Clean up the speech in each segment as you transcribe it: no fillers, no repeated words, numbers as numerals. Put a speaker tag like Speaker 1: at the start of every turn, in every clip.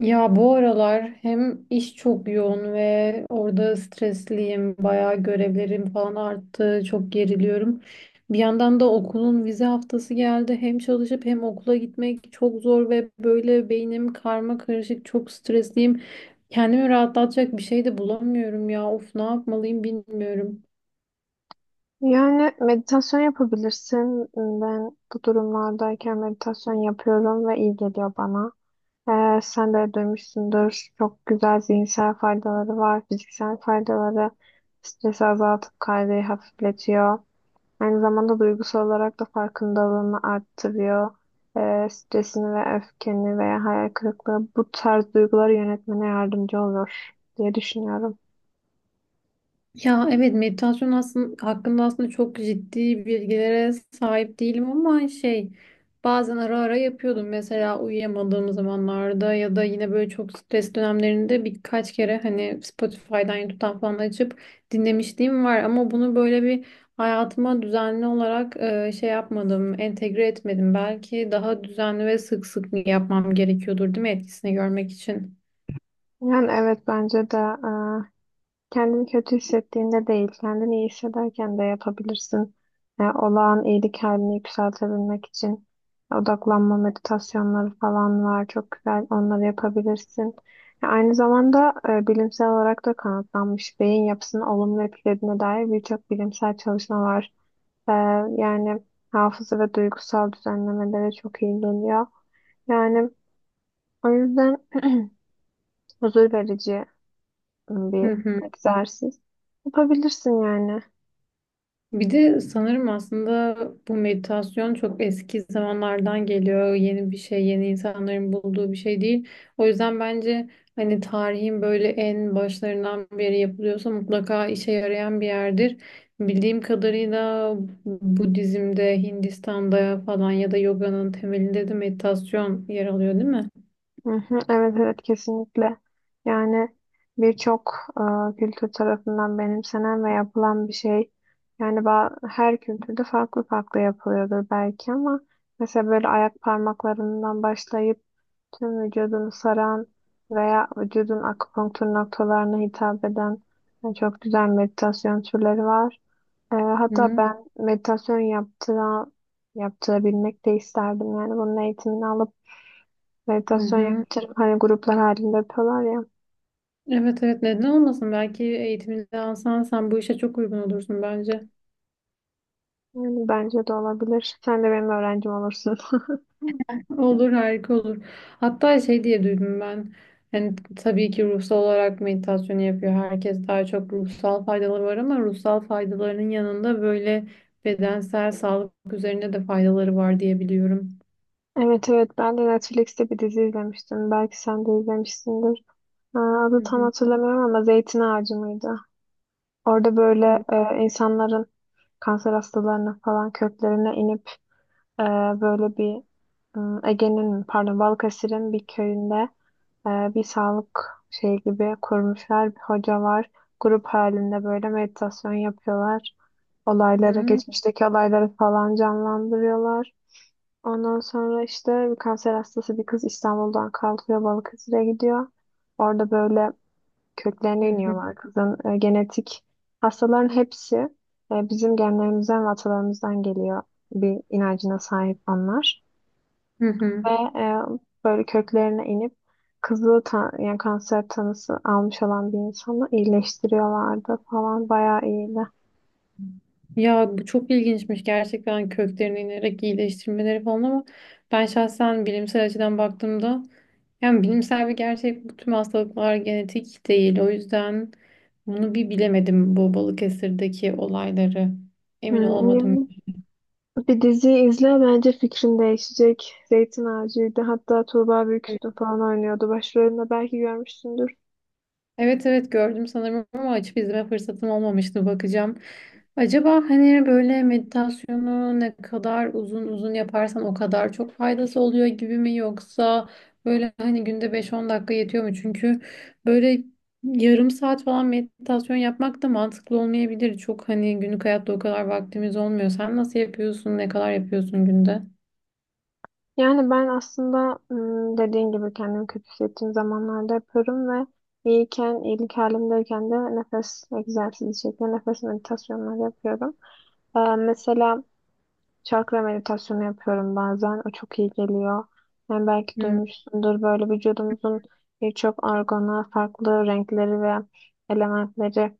Speaker 1: Ya bu aralar hem iş çok yoğun ve orada stresliyim. Bayağı görevlerim falan arttı. Çok geriliyorum. Bir yandan da okulun vize haftası geldi. Hem çalışıp hem okula gitmek çok zor ve böyle beynim karma karışık. Çok stresliyim. Kendimi rahatlatacak bir şey de bulamıyorum ya. Of, ne yapmalıyım bilmiyorum.
Speaker 2: Yani meditasyon yapabilirsin. Ben bu durumlardayken meditasyon yapıyorum ve iyi geliyor bana. Sen de duymuşsundur. Çok güzel zihinsel faydaları var, fiziksel faydaları. Stresi azaltıp kaygıyı hafifletiyor. Aynı zamanda duygusal olarak da farkındalığını arttırıyor. Stresini ve öfkeni veya hayal kırıklığı bu tarz duyguları yönetmene yardımcı olur diye düşünüyorum.
Speaker 1: Ya evet, meditasyon hakkında çok ciddi bilgilere sahip değilim ama şey, bazen ara ara yapıyordum. Mesela uyuyamadığım zamanlarda ya da yine böyle çok stres dönemlerinde birkaç kere hani Spotify'dan YouTube'dan falan açıp dinlemişliğim var ama bunu böyle bir hayatıma düzenli olarak entegre etmedim. Belki daha düzenli ve sık sık yapmam gerekiyordur, değil mi, etkisini görmek için?
Speaker 2: Yani evet bence de kendini kötü hissettiğinde değil, kendini iyi hissederken de yapabilirsin. Yani olağan iyilik halini yükseltebilmek için odaklanma meditasyonları falan var. Çok güzel onları yapabilirsin. Ya aynı zamanda bilimsel olarak da kanıtlanmış beyin yapısını olumlu etkilediğine dair birçok bilimsel çalışma var. E, yani hafıza ve duygusal düzenlemelere çok iyi geliyor. Yani o yüzden huzur verici
Speaker 1: Hı
Speaker 2: bir
Speaker 1: hı.
Speaker 2: egzersiz. Yapabilirsin yani.
Speaker 1: Bir de sanırım aslında bu meditasyon çok eski zamanlardan geliyor. Yeni bir şey, yeni insanların bulduğu bir şey değil. O yüzden bence hani tarihin böyle en başlarından beri yapılıyorsa mutlaka işe yarayan bir yerdir. Bildiğim kadarıyla Budizm'de, Hindistan'da falan ya da yoganın temelinde de meditasyon yer alıyor, değil mi?
Speaker 2: Hı hı. Evet, evet, kesinlikle. Yani birçok kültür tarafından benimsenen ve yapılan bir şey. Yani her kültürde farklı farklı yapılıyordur belki ama mesela böyle ayak parmaklarından başlayıp tüm vücudunu saran veya vücudun akupunktur noktalarına hitap eden yani çok güzel meditasyon türleri var. Hatta
Speaker 1: Hı
Speaker 2: ben yaptırabilmek de isterdim. Yani bunun eğitimini alıp
Speaker 1: hı.
Speaker 2: meditasyon
Speaker 1: Hı.
Speaker 2: yaptırıp hani gruplar halinde yapıyorlar ya.
Speaker 1: Evet evet, neden olmasın? Belki eğitimini alsan sen bu işe çok uygun olursun bence.
Speaker 2: Yani bence de olabilir. Sen de benim öğrencim olursun.
Speaker 1: Olur, harika olur. Hatta şey diye duydum ben. Yani tabii ki ruhsal olarak meditasyon yapıyor. Herkes daha çok ruhsal faydaları var ama ruhsal faydalarının yanında böyle bedensel sağlık üzerinde de faydaları var diye biliyorum.
Speaker 2: Evet, evet, ben de Netflix'te bir dizi izlemiştim. Belki sen de izlemişsindir.
Speaker 1: Hı
Speaker 2: Adı tam
Speaker 1: hı.
Speaker 2: hatırlamıyorum ama Zeytin Ağacı mıydı? Orada
Speaker 1: Hı
Speaker 2: böyle insanların, kanser hastalarının falan köklerine inip e, böyle bir Ege'nin mi, pardon Balıkesir'in bir köyünde e, bir sağlık şey gibi kurmuşlar. Bir hoca var. Grup halinde böyle meditasyon yapıyorlar. Olayları,
Speaker 1: hı.
Speaker 2: geçmişteki olayları falan canlandırıyorlar. Ondan sonra işte bir kanser hastası bir kız İstanbul'dan kalkıyor, Balıkesir'e gidiyor. Orada böyle köklerine iniyorlar kızın. Genetik hastaların hepsi bizim genlerimizden ve atalarımızdan geliyor bir inancına sahip onlar.
Speaker 1: Hı hı.
Speaker 2: Ve e, böyle köklerine inip yani kanser tanısı almış olan bir insanı iyileştiriyorlardı falan, bayağı iyiydi.
Speaker 1: Ya bu çok ilginçmiş gerçekten, köklerine inerek iyileştirmeleri falan ama ben şahsen bilimsel açıdan baktığımda, yani bilimsel bir gerçek bu, tüm hastalıklar genetik değil. O yüzden bunu bir bilemedim, bu Balıkesir'deki olayları. Emin
Speaker 2: Hmm,
Speaker 1: olamadım.
Speaker 2: yani bir diziyi izle, bence fikrin değişecek. Zeytin Ağacı'ydı. Hatta Tuğba Büyüküstün falan oynuyordu başrolünde, belki görmüşsündür.
Speaker 1: Evet evet, gördüm sanırım ama açıp izleme fırsatım olmamıştı, bakacağım. Acaba hani böyle meditasyonu ne kadar uzun uzun yaparsan o kadar çok faydası oluyor gibi mi, yoksa böyle hani günde 5-10 dakika yetiyor mu? Çünkü böyle yarım saat falan meditasyon yapmak da mantıklı olmayabilir. Çok hani günlük hayatta o kadar vaktimiz olmuyor. Sen nasıl yapıyorsun? Ne kadar yapıyorsun günde?
Speaker 2: Yani ben aslında dediğin gibi kendimi kötü hissettiğim zamanlarda yaparım ve iyiyken, iyilik halimdeyken de nefes egzersizi şeklinde nefes meditasyonları yapıyorum. Mesela çakra meditasyonu yapıyorum bazen. O çok iyi geliyor. Yani belki duymuşsundur, böyle vücudumuzun birçok organa farklı renkleri ve elementleri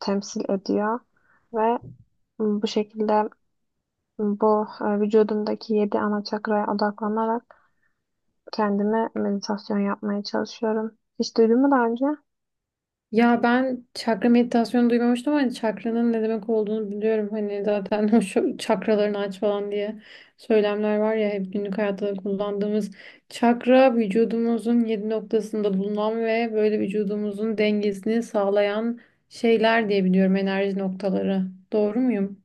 Speaker 2: temsil ediyor ve bu şekilde vücudumdaki yedi ana çakraya odaklanarak kendime meditasyon yapmaya çalışıyorum. Hiç duydun mu daha önce?
Speaker 1: Ya ben çakra meditasyonu duymamıştım ama çakranın ne demek olduğunu biliyorum. Hani zaten o, şu çakralarını aç falan diye söylemler var ya, hep günlük hayatta da kullandığımız. Çakra vücudumuzun yedi noktasında bulunan ve böyle vücudumuzun dengesini sağlayan şeyler diye biliyorum, enerji noktaları. Doğru muyum?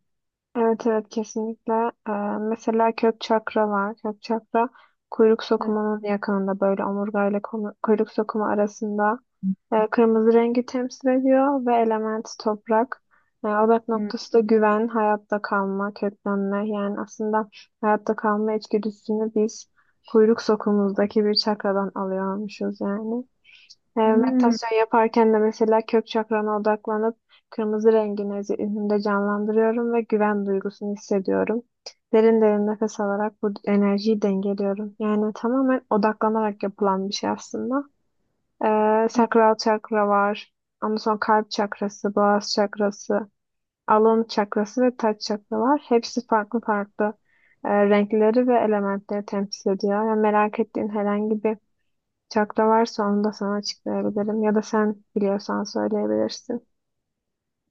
Speaker 2: Evet, evet, kesinlikle. Ee, Mesela kök çakra var. Kök çakra kuyruk
Speaker 1: Hı.
Speaker 2: sokumunun yakınında, böyle omurgayla kuyruk sokumu arasında. Kırmızı rengi temsil ediyor ve element toprak. Odak noktası da güven, hayatta kalma, köklenme. Yani aslında hayatta kalma içgüdüsünü biz kuyruk sokumuzdaki bir çakradan alıyormuşuz yani.
Speaker 1: Hmm.
Speaker 2: Meditasyon yaparken de mesela kök çakrana odaklanıp kırmızı rengini zihnimde canlandırıyorum ve güven duygusunu hissediyorum. Derin derin nefes alarak bu enerjiyi dengeliyorum. Yani tamamen odaklanarak yapılan bir şey aslında. Sakral çakra var. Ondan sonra kalp çakrası, boğaz çakrası, alın çakrası ve taç çakra var. Hepsi farklı farklı renkleri ve elementleri temsil ediyor. Yani merak ettiğin herhangi bir çakra varsa onu da sana açıklayabilirim. Ya da sen biliyorsan söyleyebilirsin.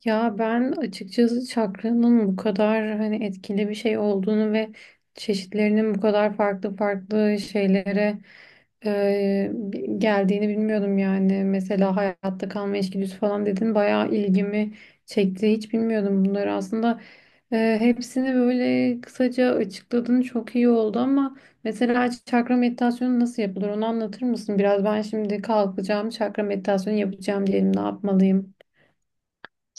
Speaker 1: Ya ben açıkçası çakranın bu kadar hani etkili bir şey olduğunu ve çeşitlerinin bu kadar farklı farklı şeylere geldiğini bilmiyordum yani. Mesela hayatta kalma içgüdüsü falan dedin, bayağı ilgimi çekti. Hiç bilmiyordum bunları aslında. E, hepsini böyle kısaca açıkladın, çok iyi oldu ama mesela çakra meditasyonu nasıl yapılır onu anlatır mısın? Biraz, ben şimdi kalkacağım çakra meditasyonu yapacağım diyelim, ne yapmalıyım?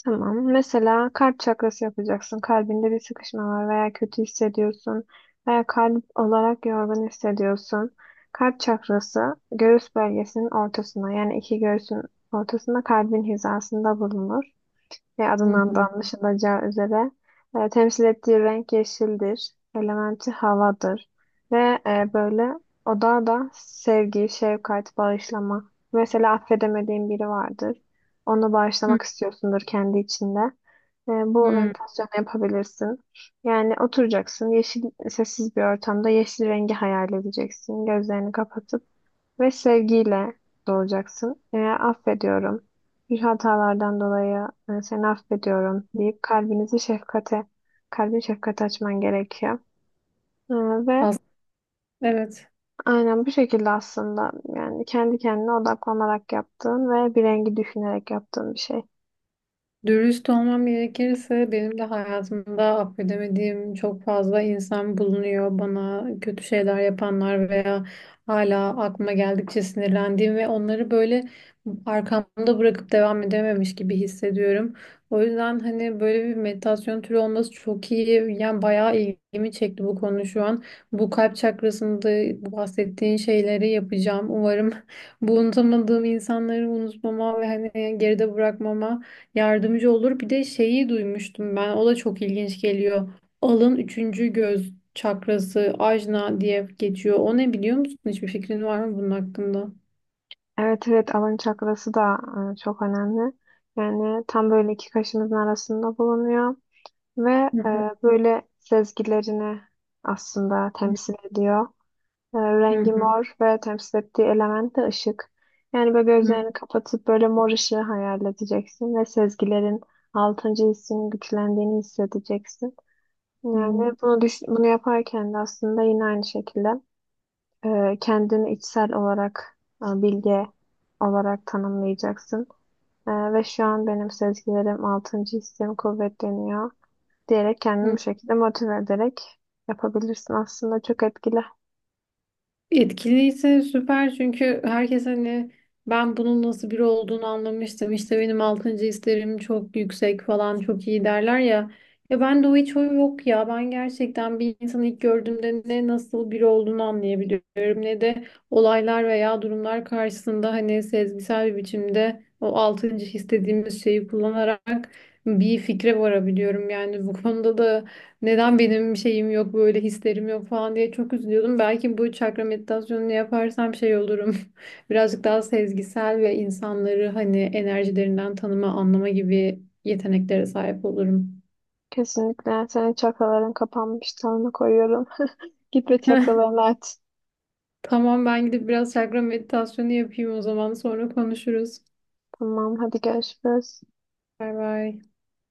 Speaker 2: Tamam. Mesela kalp çakrası yapacaksın. Kalbinde bir sıkışma var veya kötü hissediyorsun veya kalp olarak yorgun hissediyorsun. Kalp çakrası göğüs bölgesinin ortasına, yani iki göğsün ortasında kalbin hizasında bulunur ve
Speaker 1: Hı
Speaker 2: adından da
Speaker 1: hı.
Speaker 2: anlaşılacağı üzere temsil ettiği renk yeşildir. Elementi havadır ve böyle oda da sevgi, şefkat, bağışlama. Mesela affedemediğin biri vardır. Onu bağışlamak istiyorsundur kendi içinde. Bu
Speaker 1: Hmm,
Speaker 2: meditasyonu yapabilirsin. Yani oturacaksın, yeşil, sessiz bir ortamda yeşil rengi hayal edeceksin. Gözlerini kapatıp ve sevgiyle doğacaksın. Affediyorum, bir hatalardan dolayı seni affediyorum deyip kalbin şefkate açman gerekiyor. E, ve
Speaker 1: fazla. Evet.
Speaker 2: aynen bu şekilde aslında, yani kendi kendine odaklanarak yaptığın ve bir rengi düşünerek yaptığın bir şey.
Speaker 1: Dürüst olmam gerekirse benim de hayatımda affedemediğim çok fazla insan bulunuyor. Bana kötü şeyler yapanlar veya hala aklıma geldikçe sinirlendiğim ve onları böyle arkamda bırakıp devam edememiş gibi hissediyorum. O yüzden hani böyle bir meditasyon türü olması çok iyi. Yani bayağı ilgimi çekti bu konu şu an. Bu kalp çakrasında bu bahsettiğin şeyleri yapacağım. Umarım bu unutamadığım insanları unutmama ve hani geride bırakmama yardımcı olur. Bir de şeyi duymuştum ben. O da çok ilginç geliyor. Alın, üçüncü göz çakrası, ajna diye geçiyor. O ne, biliyor musun? Hiçbir fikrin var mı bunun hakkında?
Speaker 2: Evet, evet, alın çakrası da çok önemli. Yani tam böyle iki kaşımızın arasında bulunuyor ve
Speaker 1: Hı
Speaker 2: e,
Speaker 1: hı.
Speaker 2: böyle sezgilerini aslında temsil ediyor.
Speaker 1: Hı
Speaker 2: Rengi
Speaker 1: hı.
Speaker 2: mor ve temsil ettiği element de ışık. Yani böyle gözlerini kapatıp böyle mor ışığı hayal edeceksin ve sezgilerin, altıncı hissinin güçlendiğini hissedeceksin. Yani
Speaker 1: Hı
Speaker 2: bunu yaparken de aslında yine aynı şekilde kendini içsel olarak bilge olarak tanımlayacaksın. Ve şu an benim sezgilerim, altıncı hissim kuvvetleniyor diyerek kendini bu
Speaker 1: hı.
Speaker 2: şekilde motive ederek yapabilirsin. Aslında çok etkili.
Speaker 1: Etkiliyse süper, çünkü herkes hani ben bunun nasıl biri olduğunu anlamıştım, İşte benim altıncı hislerim çok yüksek falan çok iyi derler ya. Ya ben de o, hiç o yok ya. Ben gerçekten bir insanı ilk gördüğümde ne nasıl biri olduğunu anlayabiliyorum ne de olaylar veya durumlar karşısında hani sezgisel bir biçimde o altıncı his dediğimiz şeyi kullanarak bir fikre varabiliyorum. Yani bu konuda da neden benim şeyim yok, böyle hislerim yok falan diye çok üzülüyordum. Belki bu çakra meditasyonunu yaparsam şey olurum. Birazcık daha sezgisel ve insanları hani enerjilerinden tanıma, anlama gibi yeteneklere sahip olurum.
Speaker 2: Kesinlikle. Senin çakraların kapanmış. Tanrı koyuyorum. Git ve çakralarını aç.
Speaker 1: Tamam, ben gidip biraz çakra meditasyonu yapayım o zaman, sonra konuşuruz.
Speaker 2: Tamam, hadi görüşürüz.
Speaker 1: Bay bay.